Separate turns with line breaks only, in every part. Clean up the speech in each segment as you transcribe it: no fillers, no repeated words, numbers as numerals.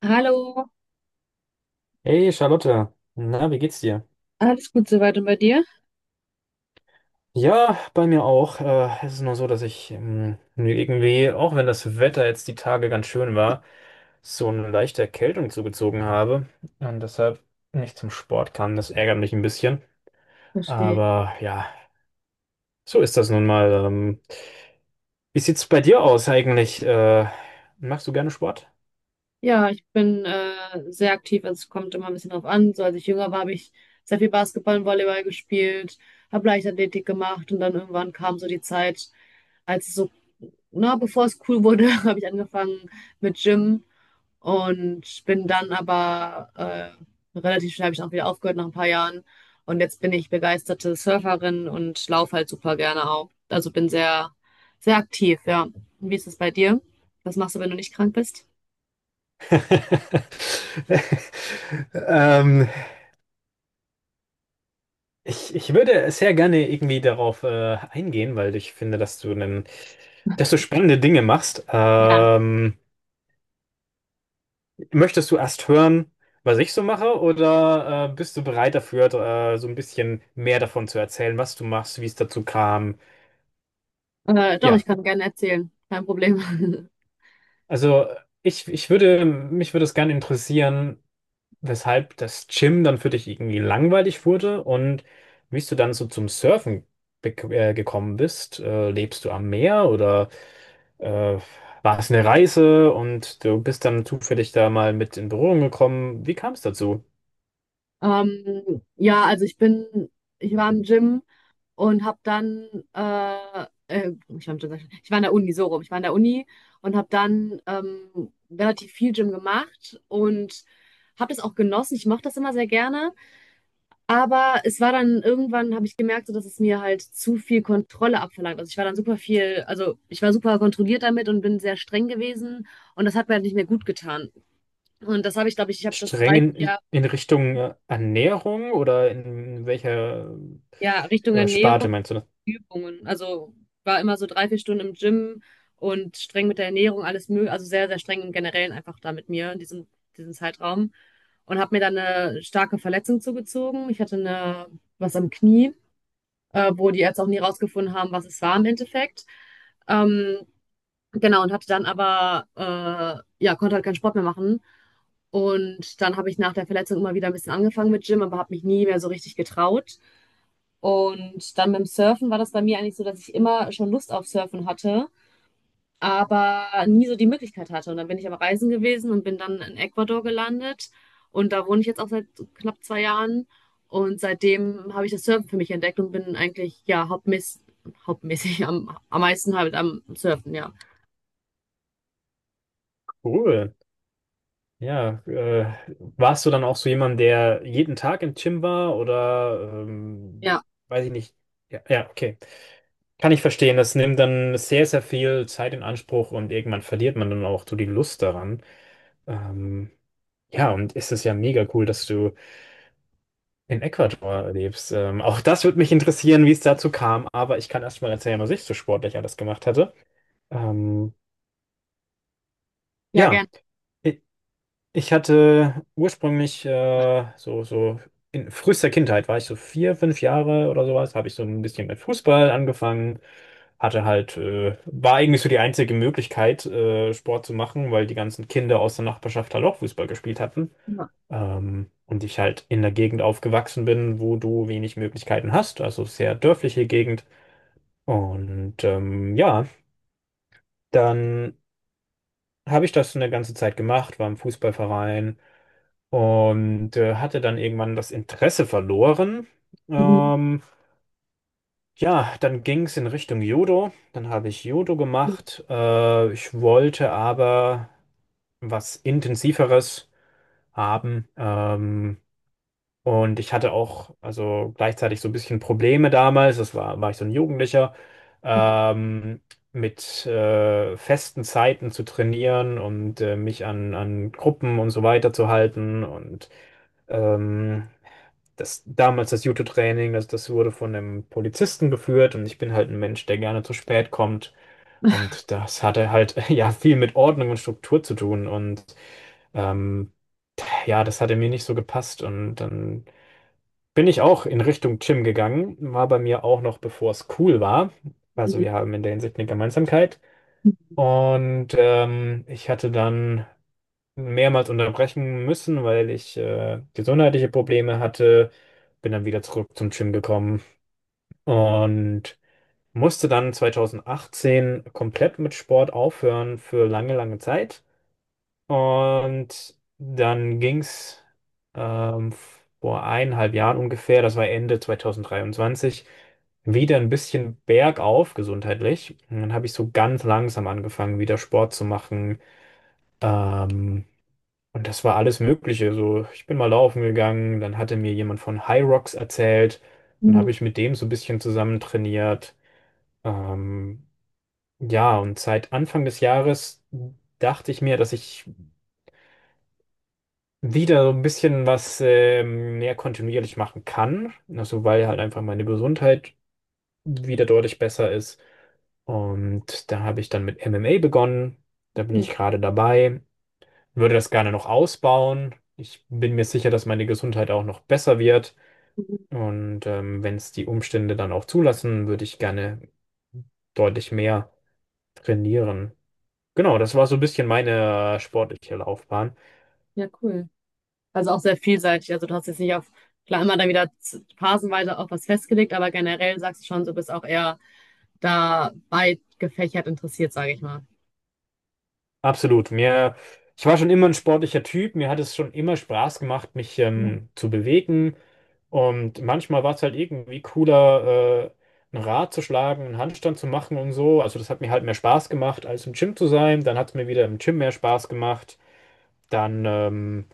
Hallo,
Hey Charlotte, na, wie geht's dir?
alles gut soweit und bei dir?
Ja, bei mir auch. Es ist nur so, dass ich mir irgendwie, auch wenn das Wetter jetzt die Tage ganz schön war, so eine leichte Erkältung zugezogen habe und deshalb nicht zum Sport kam. Das ärgert mich ein bisschen.
Verstehe.
Aber ja, so ist das nun mal. Wie sieht's bei dir aus eigentlich? Machst du gerne Sport?
Ja, ich bin sehr aktiv, also es kommt immer ein bisschen drauf an. So, als ich jünger war, habe ich sehr viel Basketball und Volleyball gespielt, habe Leichtathletik gemacht und dann irgendwann kam so die Zeit, als es so, na, bevor es cool wurde, habe ich angefangen mit Gym und bin dann aber relativ schnell habe ich auch wieder aufgehört nach ein paar Jahren und jetzt bin ich begeisterte Surferin und laufe halt super gerne auch. Also bin sehr, sehr aktiv, ja. Und wie ist es bei dir? Was machst du, wenn du nicht krank bist?
Ähm, ich würde sehr gerne irgendwie darauf eingehen, weil ich finde, dass du einen dass du spannende Dinge machst. Möchtest du erst hören, was ich so mache, oder bist du bereit dafür, so ein bisschen mehr davon zu erzählen, was du machst, wie es dazu kam?
Doch, ich
Ja,
kann gerne erzählen. Kein Problem.
also ich würde, mich würde es gerne interessieren, weshalb das Gym dann für dich irgendwie langweilig wurde und wie du dann so zum Surfen gekommen bist. Lebst du am Meer oder? Äh, war es eine Reise und du bist dann zufällig da mal mit in Berührung gekommen? Wie kam es dazu?
Ja, also ich war im Gym und habe dann, ich war im Gym, sag ich schon. Ich war in der Uni, so rum. Ich war in der Uni und habe dann relativ viel Gym gemacht und habe das auch genossen. Ich mochte das immer sehr gerne. Aber es war dann irgendwann, habe ich gemerkt, so, dass es mir halt zu viel Kontrolle abverlangt. Also ich war dann super viel, also ich war super kontrolliert damit und bin sehr streng gewesen und das hat mir halt nicht mehr gut getan. Und das habe ich, glaube ich, ich habe das
Streng
30
in,
Jahre,
in Richtung Ernährung oder in welcher
ja, Richtung Ernährung,
Sparte meinst du das?
Übungen. Also war immer so drei, vier Stunden im Gym und streng mit der Ernährung, alles möglich, also sehr, sehr streng im Generellen einfach da mit mir in diesem Zeitraum. Und habe mir dann eine starke Verletzung zugezogen. Ich hatte eine, was am Knie, wo die Ärzte auch nie rausgefunden haben, was es war im Endeffekt. Ähm, genau, und hatte dann aber, ja, konnte halt keinen Sport mehr machen. Und dann habe ich nach der Verletzung immer wieder ein bisschen angefangen mit Gym, aber habe mich nie mehr so richtig getraut. Und dann beim Surfen war das bei mir eigentlich so, dass ich immer schon Lust auf Surfen hatte, aber nie so die Möglichkeit hatte. Und dann bin ich am Reisen gewesen und bin dann in Ecuador gelandet. Und da wohne ich jetzt auch seit knapp zwei Jahren. Und seitdem habe ich das Surfen für mich entdeckt und bin eigentlich, ja, hauptmäßig am meisten halt am Surfen, ja.
Cool. Ja, warst du dann auch so jemand, der jeden Tag im Gym war oder
Ja,
weiß ich nicht. Ja, ja, okay. Kann ich verstehen. Das nimmt dann sehr, sehr viel Zeit in Anspruch und irgendwann verliert man dann auch so die Lust daran. Ähm, Ja, und es ist ja mega cool, dass du in Ecuador lebst. Auch das würde mich interessieren, wie es dazu kam, aber ich kann erst mal erzählen, was ich so sportlich alles gemacht hatte. Ähm,
ja,
ja,
gerne.
Ich hatte ursprünglich so in frühester Kindheit war ich so vier, fünf Jahre oder sowas, habe ich so ein bisschen mit Fußball angefangen, hatte halt, war eigentlich so die einzige Möglichkeit, Sport zu machen, weil die ganzen Kinder aus der Nachbarschaft halt auch Fußball gespielt hatten.
Ja.
Und ich halt in der Gegend aufgewachsen bin, wo du wenig Möglichkeiten hast, also sehr dörfliche Gegend. Und ja, dann habe ich das eine ganze Zeit gemacht, war im Fußballverein und hatte dann irgendwann das Interesse verloren.
Mhm.
Ähm, ja, dann ging es in Richtung Judo. Dann habe ich Judo gemacht. Ich wollte aber was Intensiveres haben. Und ich hatte auch also gleichzeitig so ein bisschen Probleme damals. Das war, war ich so ein Jugendlicher. Ähm, mit festen Zeiten zu trainieren und mich an Gruppen und so weiter zu halten und ähm, das damals das Judo-Training, das wurde von einem Polizisten geführt und ich bin halt ein Mensch, der gerne zu spät kommt. Und das hatte halt ja viel mit Ordnung und Struktur zu tun. Und ähm, ja, das hatte mir nicht so gepasst. Und dann bin ich auch in Richtung Gym gegangen, war bei mir auch noch, bevor es cool war. Also wir haben in der Hinsicht eine Gemeinsamkeit. Und ich hatte dann mehrmals unterbrechen müssen, weil ich gesundheitliche Probleme hatte. Bin dann wieder zurück zum Gym gekommen und musste dann 2018 komplett mit Sport aufhören für lange, lange Zeit. Und dann ging's ähm, vor eineinhalb Jahren ungefähr, das war Ende 2023, wieder ein bisschen bergauf gesundheitlich. Und dann habe ich so ganz langsam angefangen, wieder Sport zu machen. Ähm, und das war alles Mögliche. So, ich bin mal laufen gegangen, dann hatte mir jemand von High Rocks erzählt und habe ich mit dem so ein bisschen zusammen trainiert. Ähm, ja, und seit Anfang des Jahres dachte ich mir, dass ich wieder so ein bisschen was mehr kontinuierlich machen kann. Also, weil halt einfach meine Gesundheit wieder deutlich besser ist. Und da habe ich dann mit MMA begonnen. Da bin ich gerade dabei. Würde das gerne noch ausbauen. Ich bin mir sicher, dass meine Gesundheit auch noch besser wird. Und wenn es die Umstände dann auch zulassen, würde ich gerne deutlich mehr trainieren. Genau, das war so ein bisschen meine sportliche Laufbahn.
Ja, cool. Also auch sehr vielseitig. Also du hast jetzt nicht auf, klar, immer dann wieder phasenweise auf was festgelegt, aber generell sagst du schon, du bist auch eher da weit gefächert interessiert, sage ich mal.
Absolut. Ich war schon immer ein sportlicher Typ. Mir hat es schon immer Spaß gemacht, mich zu bewegen. Und manchmal war es halt irgendwie cooler, ein Rad zu schlagen, einen Handstand zu machen und so. Also das hat mir halt mehr Spaß gemacht, als im Gym zu sein. Dann hat es mir wieder im Gym mehr Spaß gemacht. Dann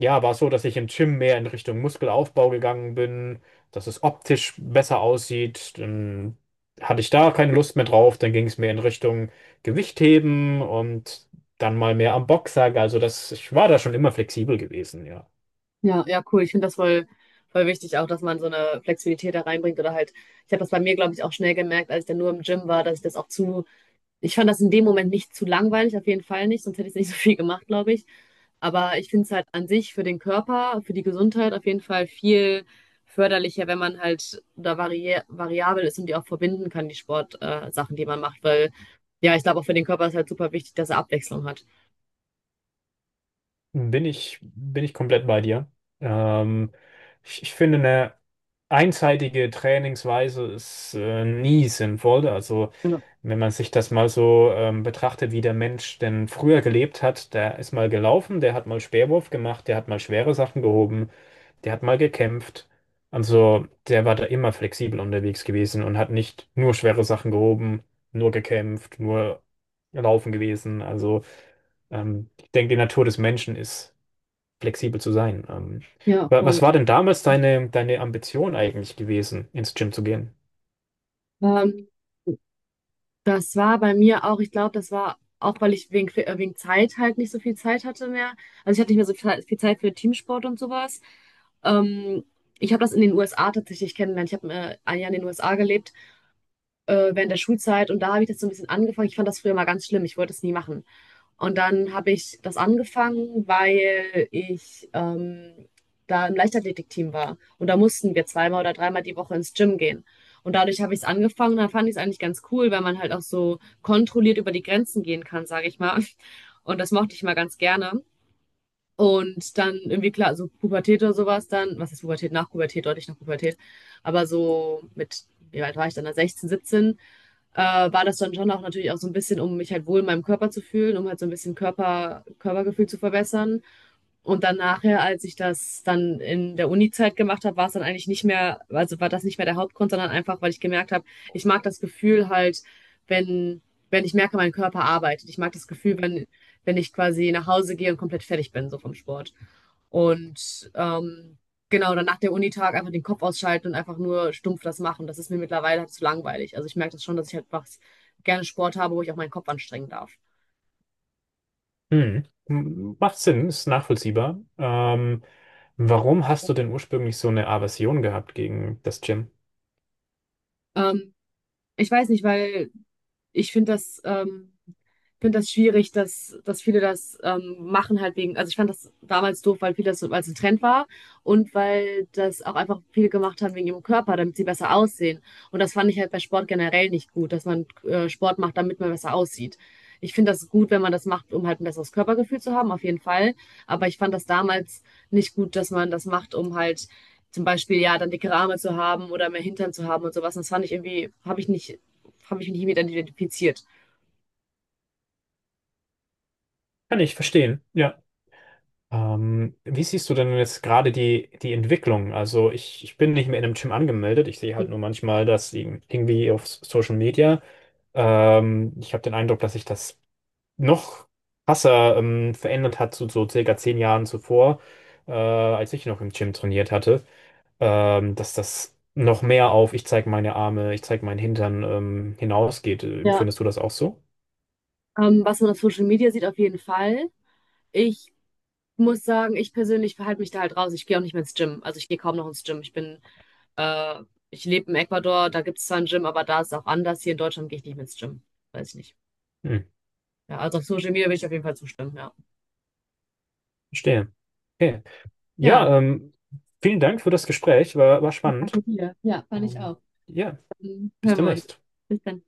Ja, war es so, dass ich im Gym mehr in Richtung Muskelaufbau gegangen bin, dass es optisch besser aussieht. Dann hatte ich da keine Lust mehr drauf. Dann ging es mehr in Richtung Gewichtheben und dann mal mehr am Boxsack. Also das, ich war da schon immer flexibel gewesen, ja.
Ja, ja, cool. Ich finde das voll, voll wichtig auch, dass man so eine Flexibilität da reinbringt oder halt, ich habe das bei mir, glaube ich, auch schnell gemerkt, als ich dann nur im Gym war, dass ich das auch zu, ich fand das in dem Moment nicht zu langweilig, auf jeden Fall nicht, sonst hätte ich nicht so viel gemacht, glaube ich. Aber ich finde es halt an sich für den Körper, für die Gesundheit auf jeden Fall viel förderlicher, wenn man halt da variabel ist und die auch verbinden kann, die Sportsachen, Sachen, die man macht. Weil ja, ich glaube, auch für den Körper ist halt super wichtig, dass er Abwechslung hat.
Bin ich komplett bei dir. Ähm, ich finde, eine einseitige Trainingsweise ist nie sinnvoll. Also
Ja.
wenn man sich das mal so betrachtet, wie der Mensch denn früher gelebt hat, der ist mal gelaufen, der hat mal Speerwurf gemacht, der hat mal schwere Sachen gehoben, der hat mal gekämpft. Also der war da immer flexibel unterwegs gewesen und hat nicht nur schwere Sachen gehoben, nur gekämpft, nur laufen gewesen. Also ich denke, die Natur des Menschen ist flexibel zu sein.
Ja,
Wa- was
voll.
war denn damals deine Ambition eigentlich gewesen, ins Gym zu gehen?
Ähm, das war bei mir auch, ich glaube, das war auch, weil ich wegen Zeit halt nicht so viel Zeit hatte mehr. Also ich hatte nicht mehr so viel Zeit für Teamsport und sowas. Ähm, ich habe das in den USA tatsächlich kennengelernt. Ich habe ein Jahr in den USA gelebt. Während der Schulzeit und da habe ich das so ein bisschen angefangen. Ich fand das früher mal ganz schlimm, ich wollte es nie machen. Und dann habe ich das angefangen, weil ich da im Leichtathletikteam war und da mussten wir zweimal oder dreimal die Woche ins Gym gehen. Und dadurch habe ich es angefangen und dann fand ich es eigentlich ganz cool, weil man halt auch so kontrolliert über die Grenzen gehen kann, sage ich mal. Und das mochte ich mal ganz gerne. Und dann irgendwie klar, so Pubertät oder sowas dann, was ist Pubertät? Nach Pubertät, deutlich nach Pubertät. Aber so mit, wie alt war ich dann? 16, 17, äh, war das dann schon auch natürlich auch so ein bisschen, um mich halt wohl in meinem Körper zu fühlen, um halt so ein bisschen Körpergefühl zu verbessern. Und dann nachher, als ich das dann in der Uni-Zeit gemacht habe, war es dann eigentlich nicht mehr, also war das nicht mehr der Hauptgrund, sondern einfach, weil ich gemerkt habe, ich mag das Gefühl halt, wenn, wenn ich merke, mein Körper arbeitet. Ich mag das Gefühl, wenn ich quasi nach Hause gehe und komplett fertig bin, so vom Sport. Und genau, dann nach der Unitag einfach den Kopf ausschalten und einfach nur stumpf das machen. Das ist mir mittlerweile halt zu langweilig. Also ich merke das schon, dass ich halt was gerne Sport habe, wo ich auch meinen Kopf anstrengen darf.
Hm. M- Macht Sinn, ist nachvollziehbar. Warum hast du denn ursprünglich so eine Aversion gehabt gegen das Gym?
Ähm, ich weiß nicht, weil ich finde das schwierig, dass viele das machen halt wegen, also ich fand das damals doof, weil viele das, weil es ein Trend war und weil das auch einfach viele gemacht haben wegen ihrem Körper, damit sie besser aussehen. Und das fand ich halt bei Sport generell nicht gut, dass man Sport macht, damit man besser aussieht. Ich finde das gut, wenn man das macht, um halt ein besseres Körpergefühl zu haben, auf jeden Fall. Aber ich fand das damals nicht gut, dass man das macht, um halt zum Beispiel ja dann dickere Arme zu haben oder mehr Hintern zu haben und sowas. Und das fand ich irgendwie, habe ich mich nicht mit identifiziert.
Kann ich verstehen, ja. Wie siehst du denn jetzt gerade die Entwicklung? Also ich bin nicht mehr in einem Gym angemeldet. Ich sehe halt nur manchmal, dass irgendwie auf Social Media, ich habe den Eindruck, dass sich das noch krasser verändert hat zu so circa 10 Jahren zuvor, als ich noch im Gym trainiert hatte, dass das noch mehr auf ich zeige meine Arme, ich zeige meinen Hintern hinausgeht.
Ja.
Findest du das auch so?
Was man auf Social Media sieht, auf jeden Fall. Ich muss sagen, ich persönlich verhalte mich da halt raus. Ich gehe auch nicht mehr ins Gym. Also ich gehe kaum noch ins Gym. Äh, ich lebe in Ecuador, da gibt es zwar ein Gym, aber da ist es auch anders. Hier in Deutschland gehe ich nicht mehr ins Gym. Weiß ich nicht.
Hm,
Ja, also auf Social Media will ich auf jeden Fall zustimmen, ja.
verstehe. Okay.
Ja,
Ja, vielen Dank für das Gespräch, war spannend.
danke dir. Ja, fand ich
Ähm,
auch.
ja,
Dann
bis
hören wir uns.
demnächst.
Bis dann.